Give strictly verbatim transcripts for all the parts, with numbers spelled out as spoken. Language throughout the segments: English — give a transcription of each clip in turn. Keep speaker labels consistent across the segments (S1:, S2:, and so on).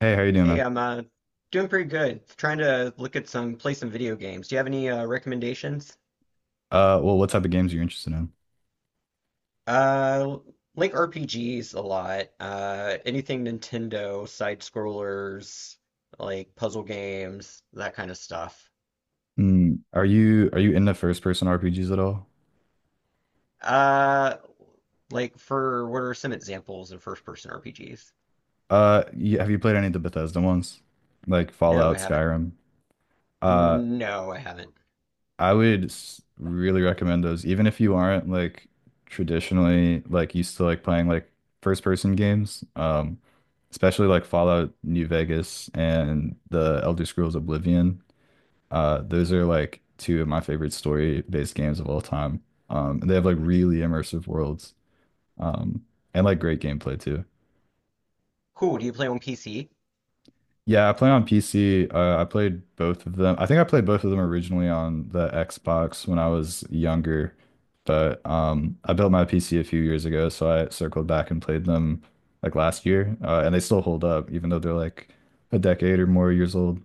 S1: Hey, how you doing,
S2: Hey,
S1: man?
S2: I'm uh, doing pretty good. Trying to look at some play some video games. Do you have any uh, recommendations?
S1: Uh, well, what type of games are you interested in?
S2: Uh, like R P Gs a lot. Uh, anything Nintendo, side scrollers, like puzzle games, that kind of stuff.
S1: Mm, are you are you into first person R P Gs at all?
S2: Uh, like for what are some examples of first person R P Gs?
S1: Uh, you, have you played any of the Bethesda ones, like
S2: No, I
S1: Fallout,
S2: haven't.
S1: Skyrim? Uh,
S2: No, I haven't.
S1: I would s- really recommend those, even if you aren't like traditionally like used to like playing like first person games. Um, especially like Fallout New Vegas and the Elder Scrolls Oblivion. Uh, those are like two of my favorite story based games of all time. Um, and they have like really immersive worlds. Um, and like great gameplay too.
S2: Cool. Do you play on P C?
S1: Yeah, I play on P C. Uh, I played both of them. I think I played both of them originally on the Xbox when I was younger, but um, I built my P C a few years ago, so I circled back and played them like last year, uh, and they still hold up, even though they're like a decade or more years old.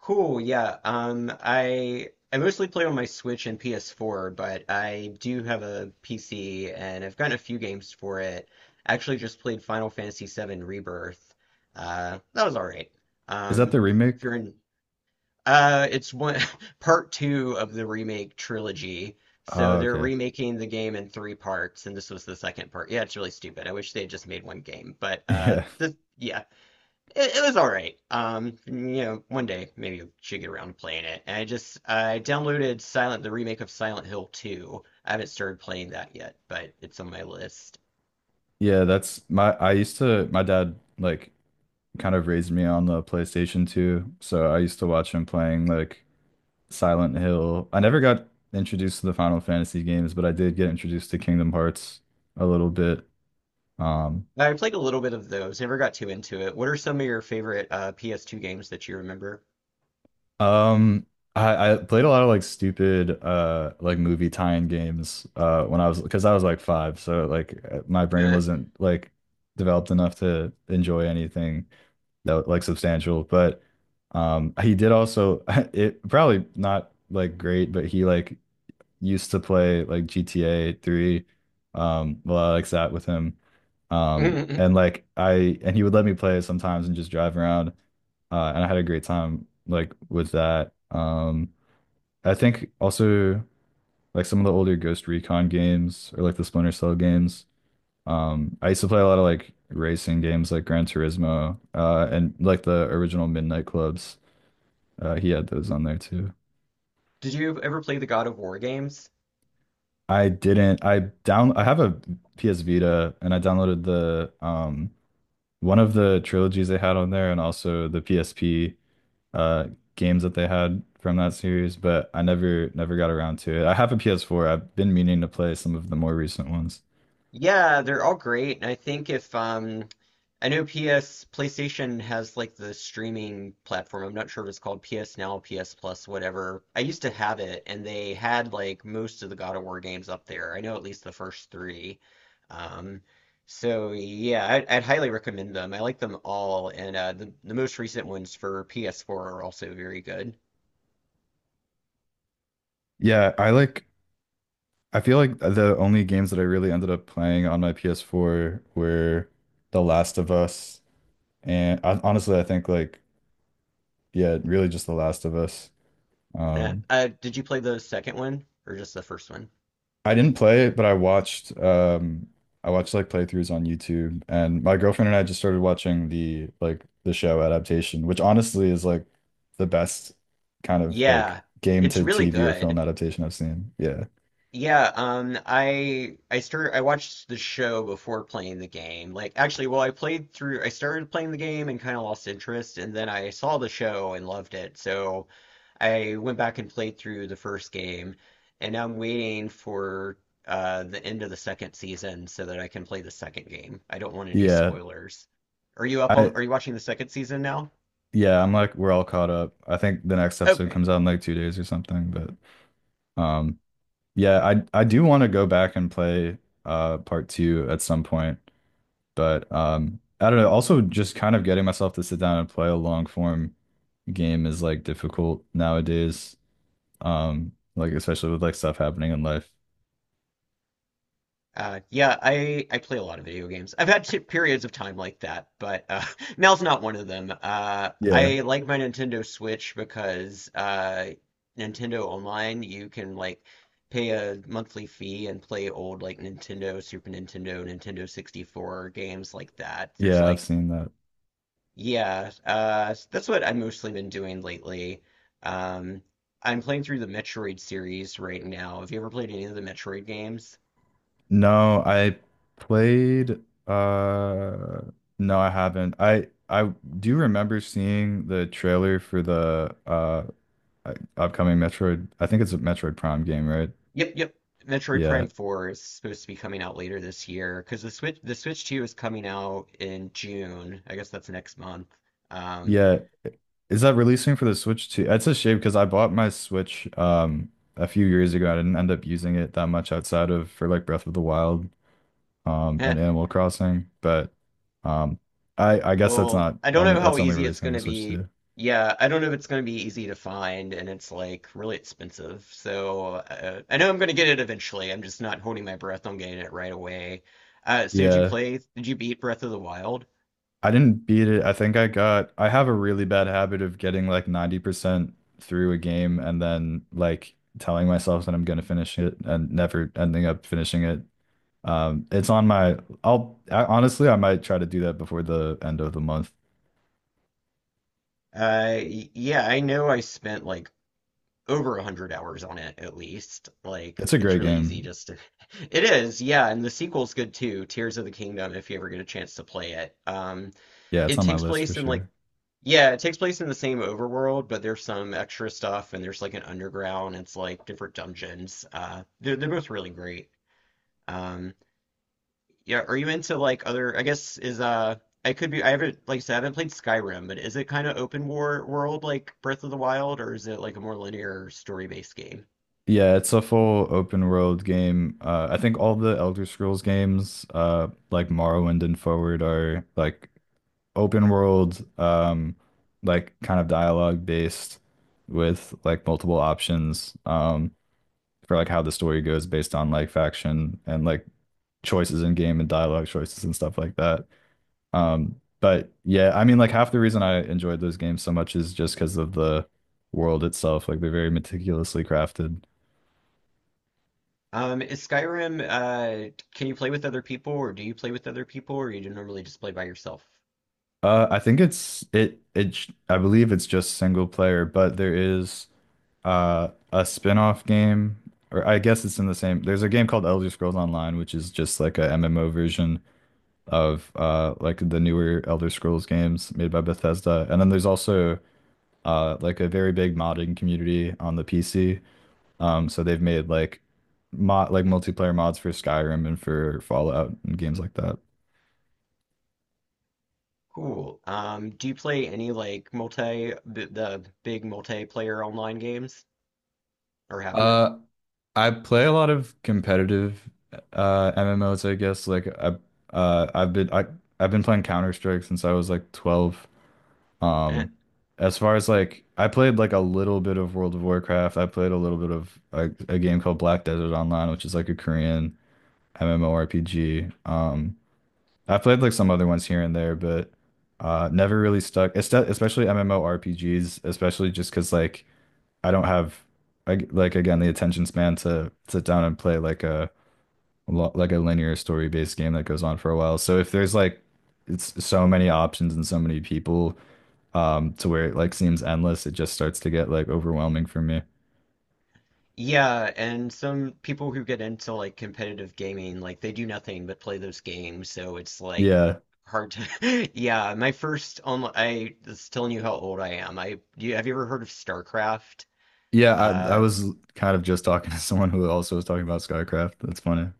S2: Cool, yeah. Um, I I mostly play on my Switch and P S four, but I do have a P C and I've gotten a few games for it. I actually just played Final Fantasy VII Rebirth. Uh, that was all right.
S1: Is that
S2: Um,
S1: the
S2: if
S1: remake?
S2: you're in, uh, it's one part two of the remake trilogy. So
S1: Oh,
S2: they're
S1: okay.
S2: remaking the game in three parts, and this was the second part. Yeah, it's really stupid. I wish they had just made one game, but uh,
S1: Yeah.
S2: this, yeah. It, it was all right. Um, you know, one day maybe I should get around to playing it. And I just I downloaded Silent the remake of Silent Hill two. I haven't started playing that yet, but it's on my list.
S1: Yeah, that's my I used to my dad like kind of raised me on the PlayStation two, so I used to watch him playing like Silent Hill. I never got introduced to the Final Fantasy games, but I did get introduced to Kingdom Hearts a little bit. Um,
S2: I played a little bit of those. Never got too into it. What are some of your favorite uh, P S two games that you remember?
S1: um, I, I played a lot of like stupid uh like movie tie-in games uh when I was because I was like five, so like uh, my brain wasn't like developed enough to enjoy anything that was, like substantial. But um, he did also it probably not like great, but he like used to play like G T A three. Um, a lot like that with him. Um,
S2: Did
S1: and like I and he would let me play sometimes and just drive around. Uh, and I had a great time like with that. Um, I think also like some of the older Ghost Recon games or like the Splinter Cell games. Um, I used to play a lot of like racing games like Gran Turismo, uh, and like the original Midnight Clubs. Uh, he had those on there too.
S2: you ever play the God of War games?
S1: I didn't. I down. I have a P S Vita, and I downloaded the um one of the trilogies they had on there, and also the P S P uh games that they had from that series. But I never never got around to it. I have a P S four. I've been meaning to play some of the more recent ones.
S2: Yeah, they're all great. And I think if um I know P S PlayStation has like the streaming platform. I'm not sure if it's called P S Now, P S Plus, whatever. I used to have it and they had like most of the God of War games up there. I know at least the first three. Um so yeah, I'd, I'd highly recommend them. I like them all, and uh the, the most recent ones for P S four are also very good.
S1: Yeah, I like. I feel like the only games that I really ended up playing on my P S four were The Last of Us, and I, honestly, I think like yeah, really just The Last of Us.
S2: Uh,
S1: Um,
S2: uh did you play the second one or just the first one?
S1: I didn't play it, but I watched um I watched like playthroughs on YouTube and my girlfriend and I just started watching the like the show adaptation, which honestly is like the best kind of like
S2: Yeah,
S1: game
S2: it's
S1: to
S2: really
S1: T V or film
S2: good.
S1: adaptation I've seen. Yeah.
S2: Yeah, um, I I started I watched the show before playing the game. Like actually, well, I played through I started playing the game and kind of lost interest, and then I saw the show and loved it. So I went back and played through the first game, and now I'm waiting for uh the end of the second season so that I can play the second game. I don't want any
S1: Yeah.
S2: spoilers. Are you up
S1: I
S2: on are you watching the second season now?
S1: yeah, I'm like we're all caught up. I think the next episode
S2: Okay.
S1: comes out in like two days or something, but um yeah, I I do want to go back and play uh part two at some point, but um I don't know. Also, just kind of getting myself to sit down and play a long form game is like difficult nowadays. Um, like especially with like stuff happening in life.
S2: Uh, yeah, I I play a lot of video games. I've had t periods of time like that, but uh, now's not one of them. Uh,
S1: Yeah,
S2: I like my Nintendo Switch because uh, Nintendo Online, you can like pay a monthly fee and play old like Nintendo, Super Nintendo, Nintendo sixty-four games like that. There's
S1: yeah, I've
S2: like,
S1: seen that.
S2: yeah, uh, that's what I've mostly been doing lately. Um, I'm playing through the Metroid series right now. Have you ever played any of the Metroid games?
S1: No, I played uh no, I haven't. I I do remember seeing the trailer for the uh upcoming Metroid. I think it's a Metroid Prime game, right?
S2: Yep, yep. Metroid Prime
S1: Yeah.
S2: four is supposed to be coming out later this year because the Switch the Switch two is coming out in June. I guess that's next month. Um,
S1: Yeah. Is that releasing for the Switch too? That's a shame because I bought my Switch um a few years ago. I didn't end up using it that much outside of for like Breath of the Wild. Um,
S2: heh,
S1: and Animal Crossing, but um, I I guess that's
S2: well,
S1: not
S2: I don't
S1: only
S2: know how
S1: that's only
S2: easy it's
S1: releasing on
S2: going
S1: the
S2: to
S1: Switch
S2: be.
S1: too.
S2: Yeah, I don't know if it's going to be easy to find, and it's like really expensive. So uh, I know I'm going to get it eventually. I'm just not holding my breath on getting it right away. Uh, so did you
S1: Yeah,
S2: play? Did you beat Breath of the Wild?
S1: I didn't beat it. I think I got I have a really bad habit of getting like ninety percent through a game and then like telling myself that I'm gonna finish it and never ending up finishing it. Um, it's on my I'll I, honestly I might try to do that before the end of the month.
S2: Uh, y- yeah, I know I spent like over a hundred hours on it at least. Like,
S1: It's a
S2: it's
S1: great
S2: really easy
S1: game.
S2: just to. It is, yeah, and the sequel's good too, Tears of the Kingdom, if you ever get a chance to play it. Um,
S1: Yeah, it's
S2: it
S1: on my
S2: takes
S1: list for
S2: place in like,
S1: sure.
S2: yeah, it takes place in the same overworld, but there's some extra stuff and there's like an underground, it's like different dungeons. Uh, they're, they're both really great. Um, yeah, are you into like other, I guess is uh I could be I haven't like I said, I haven't played Skyrim, but is it kind of open war world like Breath of the Wild or is it like a more linear story-based game?
S1: Yeah, it's a full open world game. Uh, I think all the Elder Scrolls games, uh, like Morrowind and Forward, are like open world, um, like kind of dialogue based with like multiple options, um, for like how the story goes based on like faction and like choices in game and dialogue choices and stuff like that. Um, but yeah, I mean, like half the reason I enjoyed those games so much is just because of the world itself. Like they're very meticulously crafted.
S2: Um, is Skyrim, uh, can you play with other people or do you play with other people or you do normally just play by yourself?
S1: Uh, I think it's it it sh- I believe it's just single player, but there is uh a spin-off game, or I guess it's in the same. There's a game called Elder Scrolls Online, which is just like a M M O version of uh like the newer Elder Scrolls games made by Bethesda. And then there's also uh like a very big modding community on the P C. Um, so they've made like mod like multiplayer mods for Skyrim and for Fallout and games like that.
S2: Cool. Um, do you play any like multi, b the big multiplayer online games or have you?
S1: Uh, I play a lot of competitive uh M M Os, I guess. Like I uh I've been I I've been playing Counter-Strike since I was like twelve. Um as far as like I played like a little bit of World of Warcraft. I played a little bit of like a game called Black Desert Online, which is like a Korean MMORPG. Um I've played like some other ones here and there, but uh never really stuck. Espe- Especially MMORPGs, especially just 'cause like I don't have I, like again the attention span to sit down and play like a lo- like a linear story based game that goes on for a while. So if there's like it's so many options and so many people um to where it like seems endless, it just starts to get like overwhelming for me.
S2: Yeah, and some people who get into like competitive gaming, like they do nothing but play those games, so it's like
S1: Yeah.
S2: hard to. Yeah, my first online, I was telling you how old I am. I you, have you ever heard of StarCraft?
S1: Yeah, I I
S2: Uh,
S1: was kind of just talking to someone who also was talking about SkyCraft. That's funny.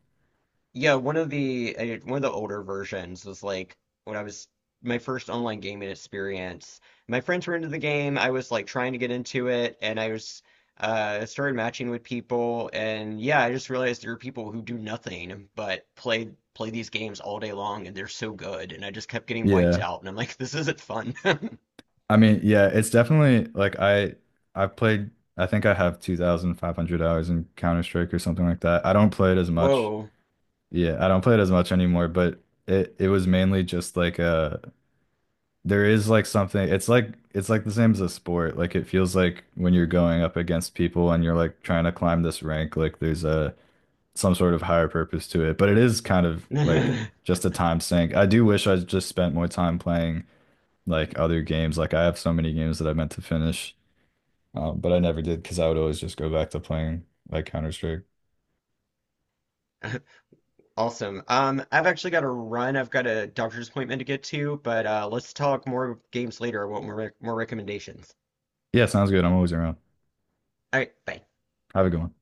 S2: Yeah, one of the uh, one of the older versions was like when I was my first online gaming experience. My friends were into the game. I was like trying to get into it, and I was uh started matching with people, and yeah, I just realized there are people who do nothing but play play these games all day long, and they're so good, and I just kept getting wiped
S1: Yeah.
S2: out, and I'm like, this isn't fun.
S1: I mean, yeah, it's definitely like I I've played I think I have two thousand five hundred hours in Counter-Strike or something like that. I don't play it as much.
S2: Whoa.
S1: Yeah, I don't play it as much anymore, but it it was mainly just like uh there is like something it's like it's like the same as a sport. Like it feels like when you're going up against people and you're like trying to climb this rank, like there's a some sort of higher purpose to it. But it is kind of like just a time sink. I do wish I just spent more time playing like other games. Like I have so many games that I meant to finish, um, but I never did because I would always just go back to playing like Counter-Strike.
S2: Awesome. Um, I've actually got to run. I've got a doctor's appointment to get to, but uh, let's talk more games later. I want more rec more recommendations.
S1: Yeah, sounds good. I'm always around.
S2: All right, bye.
S1: Have a good one.